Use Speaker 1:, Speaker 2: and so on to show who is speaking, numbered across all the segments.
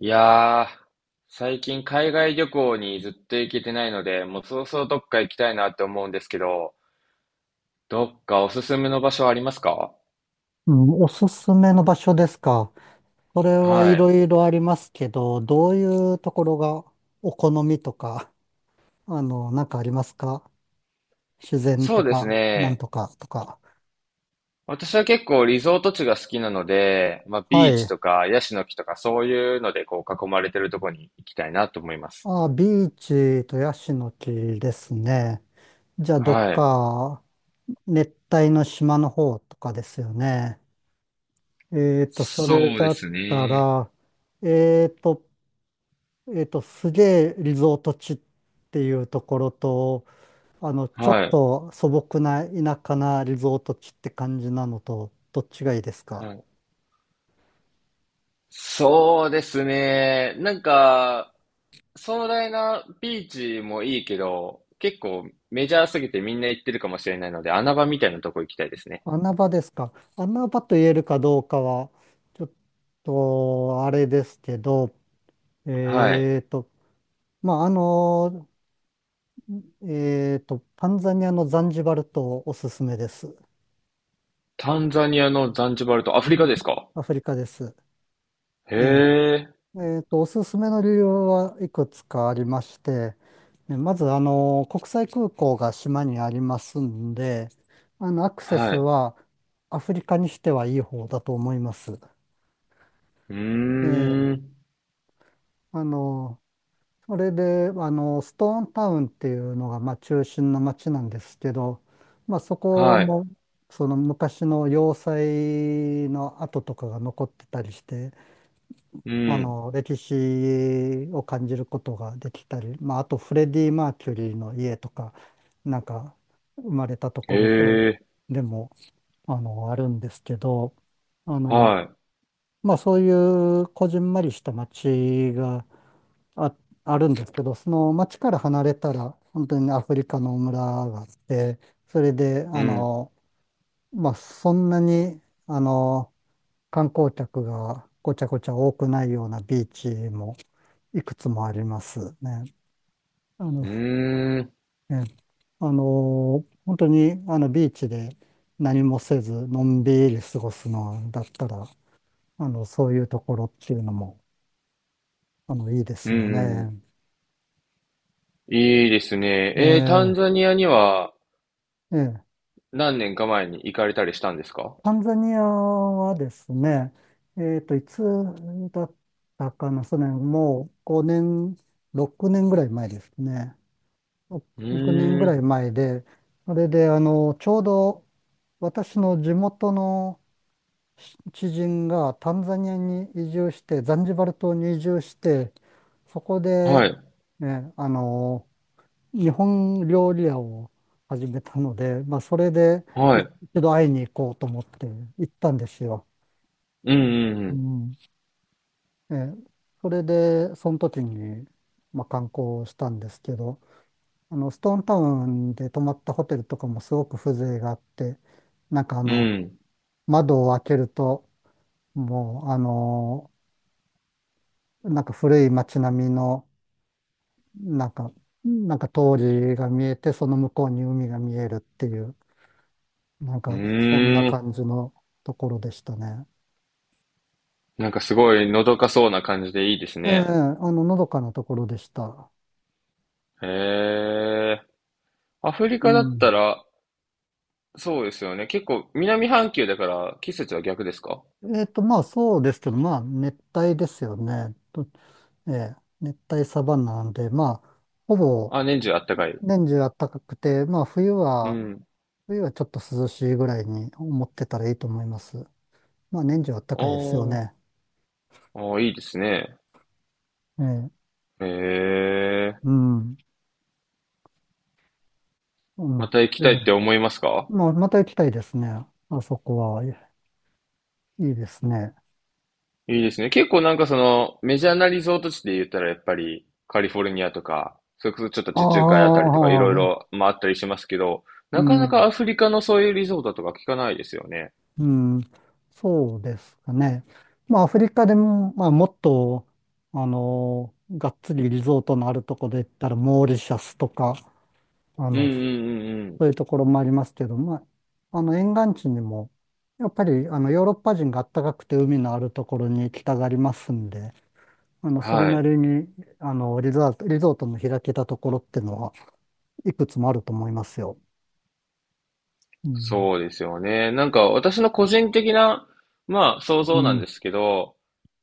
Speaker 1: いやー、最近海外旅行にずっと行けてないので、もうそろそろどっか行きたいなって思うんですけど、どっかおすすめの場所ありますか？
Speaker 2: うん、おすすめの場所ですか。それはい
Speaker 1: は
Speaker 2: ろ
Speaker 1: い。
Speaker 2: いろありますけど、どういうところがお好みとか、なんかありますか？自然
Speaker 1: そ
Speaker 2: と
Speaker 1: うです
Speaker 2: か、なん
Speaker 1: ね。
Speaker 2: とかとか。
Speaker 1: 私は結構リゾート地が好きなので、まあ
Speaker 2: は
Speaker 1: ビーチ
Speaker 2: い。
Speaker 1: とかヤシの木とかそういうのでこう囲まれてるところに行きたいなと思います。
Speaker 2: あ、ビーチとヤシの木ですね。じゃあ、どっ
Speaker 1: はい。
Speaker 2: か熱帯の島の方とかですよね。それ
Speaker 1: そうで
Speaker 2: だっ
Speaker 1: す
Speaker 2: た
Speaker 1: ね。
Speaker 2: ら、えっと、すげえリゾート地っていうところと、ちょ
Speaker 1: は
Speaker 2: っ
Speaker 1: い。
Speaker 2: と素朴な田舎なリゾート地って感じなのと、どっちがいいですか？
Speaker 1: はい。そうですね。壮大なビーチもいいけど、結構メジャーすぎてみんな行ってるかもしれないので、穴場みたいなとこ行きたいですね。
Speaker 2: 穴場ですか？穴場と言えるかどうかは、ちょっと、あれですけど、
Speaker 1: はい。
Speaker 2: えーと、まあ、タンザニアのザンジバル島おすすめです。
Speaker 1: タンザニアのザンジバルとアフリカですか？
Speaker 2: アフリカです。
Speaker 1: へ
Speaker 2: え
Speaker 1: え。
Speaker 2: え、おすすめの理由はいくつかありまして、ね、まず、国際空港が島にありますんで、アクセ
Speaker 1: は
Speaker 2: ス
Speaker 1: い。
Speaker 2: はアフリカにしてはいい方だと思います。
Speaker 1: う
Speaker 2: え
Speaker 1: ー
Speaker 2: ー
Speaker 1: ん。
Speaker 2: あの、それで、ストーンタウンっていうのが、まあ、中心の街なんですけど、まあ、そこ
Speaker 1: はい。
Speaker 2: も、その昔の要塞の跡とかが残ってたりして、
Speaker 1: うん。
Speaker 2: 歴史を感じることができたり、まあ、あとフレディ・マーキュリーの家とか、なんか生まれたところと、
Speaker 1: へえ。
Speaker 2: でも、あるんですけど、あの、
Speaker 1: は
Speaker 2: まあ、そういうこじんまりした街があ、あるんですけど、その街から離れたら、本当にアフリカの村があって、それで、
Speaker 1: い。うん。
Speaker 2: まあ、そんなに、あの、観光客がごちゃごちゃ多くないようなビーチも、いくつもありますね。あ
Speaker 1: う
Speaker 2: の、
Speaker 1: ーん。
Speaker 2: ね、本当に、ビーチで何もせず、のんびり過ごすのだったら、そういうところっていうのも、いいで
Speaker 1: う
Speaker 2: すよ
Speaker 1: ん。う
Speaker 2: ね。
Speaker 1: ん。いいですね。
Speaker 2: え
Speaker 1: えー、タンザ
Speaker 2: ー
Speaker 1: ニアには
Speaker 2: えー
Speaker 1: 何年か前に行かれたりしたんですか？
Speaker 2: タンザニアはですね、いつだったかな、それもう5年、6年ぐらい前ですね。
Speaker 1: う
Speaker 2: 6年ぐ
Speaker 1: ー
Speaker 2: らい
Speaker 1: ん。
Speaker 2: 前で、それで、ちょうど、私の地元の知人がタンザニアに移住して、ザンジバル島に移住して、そこで、
Speaker 1: はい。
Speaker 2: ね、日本料理屋を始めたので、まあ、それでい
Speaker 1: はい。
Speaker 2: 一度会いに行こうと思って行ったんですよ。
Speaker 1: うん。う
Speaker 2: う
Speaker 1: ん。
Speaker 2: ん。え、それで、その時に、まあ、観光したんですけど、ストーンタウンで泊まったホテルとかもすごく風情があって、なんか
Speaker 1: うん。うん。
Speaker 2: 窓を開けると、もう、なんか古い街並みの、なんか、なんか通りが見えて、その向こうに海が見えるっていう、なん
Speaker 1: う
Speaker 2: かそんな
Speaker 1: ーん。
Speaker 2: 感じのところでしたね。
Speaker 1: なんかすごいのどかそうな感じでいいです
Speaker 2: ええ、
Speaker 1: ね。
Speaker 2: のどかなところでした。
Speaker 1: へえ。アフリ
Speaker 2: う
Speaker 1: カだった
Speaker 2: ん。
Speaker 1: ら、そうですよね。結構南半球だから季節は逆ですか？
Speaker 2: まあそうですけど、まあ熱帯ですよね。ええ、熱帯サバンナなんで、まあ、ほぼ
Speaker 1: あ、年中あったかい。
Speaker 2: 年中暖かくて、まあ冬
Speaker 1: う
Speaker 2: は、
Speaker 1: ん。
Speaker 2: 冬はちょっと涼しいぐらいに思ってたらいいと思います。まあ年中暖
Speaker 1: あ
Speaker 2: かいですよ
Speaker 1: ー、
Speaker 2: ね。
Speaker 1: あー、いいですね。
Speaker 2: ええ、
Speaker 1: へ
Speaker 2: う
Speaker 1: え。
Speaker 2: ん。う
Speaker 1: ま
Speaker 2: ん。
Speaker 1: た行き
Speaker 2: え
Speaker 1: たいって
Speaker 2: え、
Speaker 1: 思いますか？
Speaker 2: まあ、また行きたいですね。あそこは、いいですね。
Speaker 1: いいですね。結構なんかそのメジャーなリゾート地で言ったらやっぱりカリフォルニアとか、それこそちょっと
Speaker 2: あ
Speaker 1: 地中海あたりとかい
Speaker 2: あ、
Speaker 1: ろい
Speaker 2: ね、
Speaker 1: ろまああったりしますけど、
Speaker 2: う
Speaker 1: なかな
Speaker 2: ん、
Speaker 1: かアフリカのそういうリゾートとか聞かないですよね。
Speaker 2: うん、そうですかね。まあ、アフリカでも、まあ、もっと、がっつりリゾートのあるところで言ったら、モーリシャスとか、あ
Speaker 1: うんう
Speaker 2: の、
Speaker 1: んう
Speaker 2: そ
Speaker 1: んうん。
Speaker 2: ういうところもありますけど、まあ、沿岸地にも、やっぱり、ヨーロッパ人が暖かくて海のあるところに行きたがりますんで、それ
Speaker 1: は
Speaker 2: な
Speaker 1: い。
Speaker 2: りに、リゾートの開けたところってのは、いくつもあると思いますよ。うん。
Speaker 1: そうですよね。なんか私の個人的な、まあ想
Speaker 2: う
Speaker 1: 像なん
Speaker 2: ん。
Speaker 1: ですけど、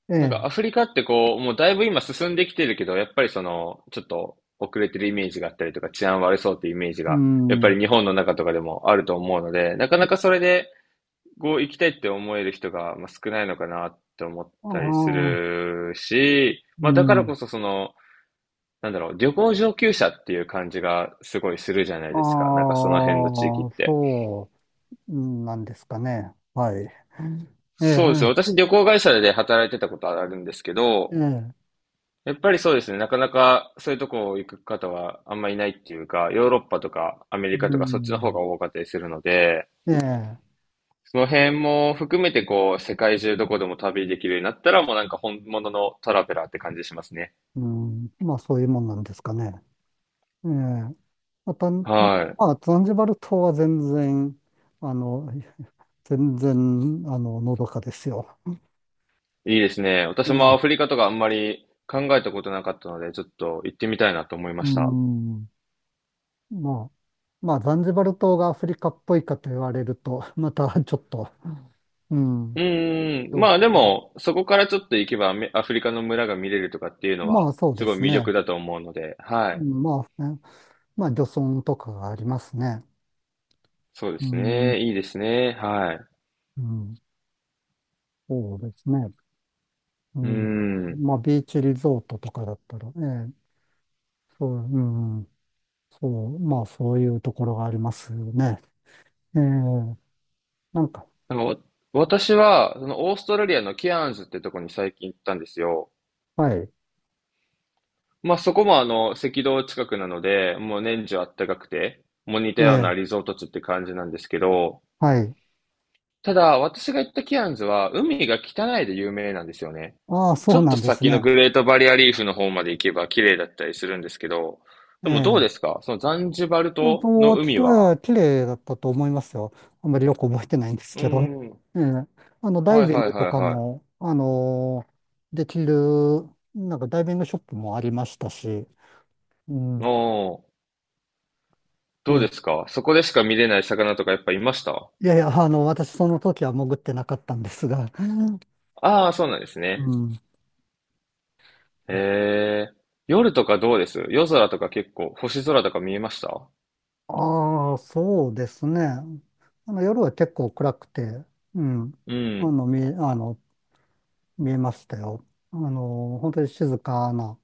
Speaker 2: え
Speaker 1: なんか
Speaker 2: え。
Speaker 1: アフリカってこう、もうだいぶ今進んできてるけど、やっぱりその、ちょっと遅れてるイメージがあったりとか、治安悪そうっていうイメージ
Speaker 2: う
Speaker 1: が、やっぱ
Speaker 2: ん。
Speaker 1: り日本の中とかでもあると思うので、なかなかそれで、こう行きたいって思える人が、まあ、少ないのかなって思っ
Speaker 2: あ
Speaker 1: たりす
Speaker 2: あ、
Speaker 1: るし、
Speaker 2: う
Speaker 1: まあだから
Speaker 2: ん。
Speaker 1: こそその、なんだろう、旅行上級者っていう感じがすごいするじゃないですか。なんか
Speaker 2: あ
Speaker 1: その辺の地域っ
Speaker 2: あ、
Speaker 1: て。
Speaker 2: そうなんですかね。はい。ええ、
Speaker 1: そうですよ。私旅行会社で働いてたことあるんですけ
Speaker 2: え
Speaker 1: ど、
Speaker 2: え、ええ、
Speaker 1: やっぱりそうですね。なかなかそういうとこ行く方はあんまいないっていうか、ヨーロッパとかアメリカ
Speaker 2: う
Speaker 1: とかそっちの方
Speaker 2: ん。
Speaker 1: が多かったりするので、
Speaker 2: ええ、
Speaker 1: その辺も含めてこう、世界中どこでも旅できるようになったらもうなんか本物のトラベラーって感じしますね。
Speaker 2: うん。まあ、そういうもんなんですかね。ええ。また、ま
Speaker 1: は
Speaker 2: あ、ザンジバル島は全然、あの、全然、のどかですよ。
Speaker 1: い。いいですね。私もアフリカとかあんまり考えたことなかったので、ちょっと行ってみたいなと思いま
Speaker 2: うー
Speaker 1: した。
Speaker 2: ん。まあ、まあ、ザンジバル島がアフリカっぽいかと言われると、またちょっと、う
Speaker 1: う
Speaker 2: ん、
Speaker 1: ーん、
Speaker 2: どう
Speaker 1: まあで
Speaker 2: か。
Speaker 1: も、そこからちょっと行けばアメアフリカの村が見れるとかっていうのは、
Speaker 2: まあ、そうで
Speaker 1: すごい
Speaker 2: す
Speaker 1: 魅
Speaker 2: ね。
Speaker 1: 力だと思うので、は
Speaker 2: う
Speaker 1: い。
Speaker 2: ん、まあ、ね、まあ、漁村とかがありますね。
Speaker 1: そうで
Speaker 2: う
Speaker 1: す
Speaker 2: ん、
Speaker 1: ね。いいですね。はい。
Speaker 2: うん、そうですね。う
Speaker 1: うー
Speaker 2: ん、
Speaker 1: ん。
Speaker 2: まあ、ビーチリゾートとかだったら、ええ、そう、うん、そう、まあ、そういうところがありますよね。ええ、なんか、
Speaker 1: なんかわ私は、そのオーストラリアのケアンズってとこに最近行ったんですよ。
Speaker 2: はい、
Speaker 1: まあそこもあの、赤道近くなので、もう年中あったかくて、もう似た
Speaker 2: え
Speaker 1: ような
Speaker 2: え、
Speaker 1: リゾート地って感じなんですけど、
Speaker 2: はい。
Speaker 1: ただ、私が行ったケアンズは、海が汚いで有名なんですよね。
Speaker 2: ああ、
Speaker 1: ち
Speaker 2: そ
Speaker 1: ょ
Speaker 2: う
Speaker 1: っ
Speaker 2: な
Speaker 1: と
Speaker 2: んです
Speaker 1: 先の
Speaker 2: ね。
Speaker 1: グレートバリアリーフの方まで行けば綺麗だったりするんですけど、
Speaker 2: え
Speaker 1: でもどう
Speaker 2: え。
Speaker 1: ですかそのザンジバル島
Speaker 2: も
Speaker 1: の
Speaker 2: うき
Speaker 1: 海
Speaker 2: れ
Speaker 1: は。
Speaker 2: い、綺麗だったと思いますよ。あんまりよく覚えてないんです
Speaker 1: う
Speaker 2: けど。
Speaker 1: ーん。
Speaker 2: ええ、ダイ
Speaker 1: はい
Speaker 2: ビン
Speaker 1: はい
Speaker 2: グと
Speaker 1: はい
Speaker 2: か
Speaker 1: はい。
Speaker 2: も、できる、なんかダイビングショップもありましたし、うん。
Speaker 1: おー、
Speaker 2: え
Speaker 1: どう
Speaker 2: え、
Speaker 1: ですかそこでしか見れない魚とかやっぱいました？
Speaker 2: いやいや、私その時は潜ってなかったんですが、
Speaker 1: ああー、そうなんです
Speaker 2: う
Speaker 1: ね。
Speaker 2: ん。
Speaker 1: へえ。夜とかどうです？夜空とか結構、星空とか見えました？
Speaker 2: ああ、そうですね。夜は結構暗くて、うん。
Speaker 1: う
Speaker 2: あ
Speaker 1: ん。
Speaker 2: の、見え、あの、見えましたよ。本当に静かな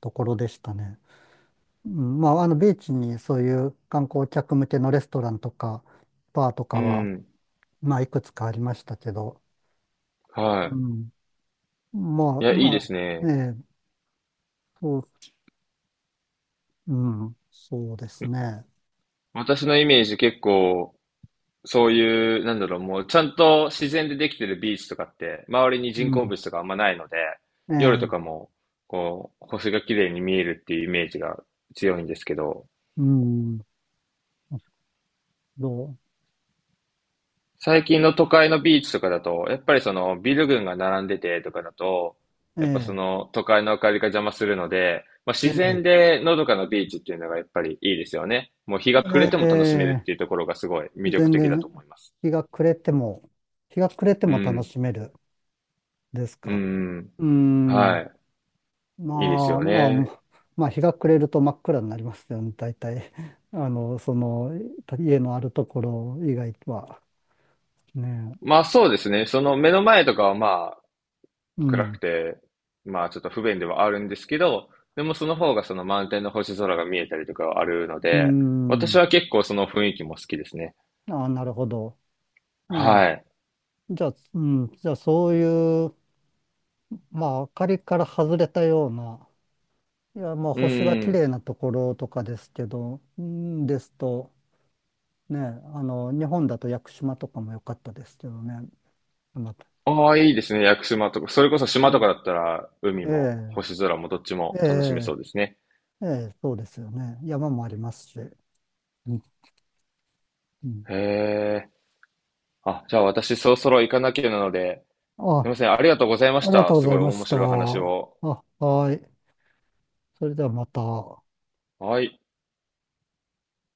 Speaker 2: ところでしたね。うん、まあ、ビーチにそういう観光客向けのレストランとか、バーと
Speaker 1: う
Speaker 2: かは、
Speaker 1: ん。
Speaker 2: まあ、いくつかありましたけど、う
Speaker 1: は
Speaker 2: ん。ま
Speaker 1: い。
Speaker 2: あ、
Speaker 1: いや、いい
Speaker 2: ま
Speaker 1: です
Speaker 2: あ、え
Speaker 1: ね。
Speaker 2: え、そう、うん、そうですね。
Speaker 1: 私のイメージ結構、そういう、なんだろう、もうちゃんと自然でできてるビーチとかって、周りに
Speaker 2: う
Speaker 1: 人工
Speaker 2: ん、
Speaker 1: 物とかあんまないので、
Speaker 2: え
Speaker 1: 夜と
Speaker 2: え、
Speaker 1: かも、こう、星が綺麗に見えるっていうイメージが強いんですけど、
Speaker 2: うん、どう、
Speaker 1: 最近の都会のビーチとかだと、やっぱりそのビル群が並んでてとかだと、やっぱそ
Speaker 2: え
Speaker 1: の都会の明かりが邪魔するので、まあ、
Speaker 2: え、え
Speaker 1: 自
Speaker 2: え、
Speaker 1: 然でのどかなビーチっていうのがやっぱりいいですよね。もう日が
Speaker 2: え
Speaker 1: 暮れても楽しめるっ
Speaker 2: え、
Speaker 1: ていうところがすごい魅力
Speaker 2: 全
Speaker 1: 的だと思
Speaker 2: 然、
Speaker 1: います。
Speaker 2: 日が暮れても、日が暮れて
Speaker 1: う
Speaker 2: も楽
Speaker 1: ん、
Speaker 2: しめるです
Speaker 1: う
Speaker 2: か？
Speaker 1: ん、
Speaker 2: うん。
Speaker 1: はい。いいです
Speaker 2: まあ
Speaker 1: よ
Speaker 2: まあ、
Speaker 1: ね。
Speaker 2: まあ日が暮れると真っ暗になりますよね、大体。その、家のあるところ以外は。ね
Speaker 1: まあそうですね。その目の前とかはまあ
Speaker 2: え。う
Speaker 1: 暗く
Speaker 2: ん。
Speaker 1: て、まあちょっと不便ではあるんですけど、でもその方がその満天の星空が見えたりとかはあるの
Speaker 2: う
Speaker 1: で、私
Speaker 2: ん。
Speaker 1: は結構その雰囲気も好きですね。
Speaker 2: ああ、なるほど。ね
Speaker 1: はい。
Speaker 2: え。じゃあ、うん。じゃあ、そういう、まあ、明かりから外れたような、いや、まあ、
Speaker 1: うん
Speaker 2: 星が
Speaker 1: う
Speaker 2: 綺麗
Speaker 1: ん。
Speaker 2: なところとかですけど、うんですと、ねえ、日本だと屋久島とかも良かったですけどね。また、
Speaker 1: ああ、いいですね。屋久島とか。それこそ島とかだっ
Speaker 2: え
Speaker 1: たら海も
Speaker 2: え、
Speaker 1: 星空もどっち
Speaker 2: え
Speaker 1: も楽しめそ
Speaker 2: え、
Speaker 1: うですね。
Speaker 2: ええええ、そうですよね。山もありますし。うん、うん。
Speaker 1: へえ。あ、じゃあ私そろそろ行かなきゃなので、すい
Speaker 2: あ、
Speaker 1: ません。ありがとうございま
Speaker 2: あ
Speaker 1: し
Speaker 2: りがと
Speaker 1: た。
Speaker 2: うご
Speaker 1: す
Speaker 2: ざ
Speaker 1: ご
Speaker 2: い
Speaker 1: い
Speaker 2: ま
Speaker 1: 面
Speaker 2: した。
Speaker 1: 白い話を。
Speaker 2: あ、はい。それではまた。
Speaker 1: はい。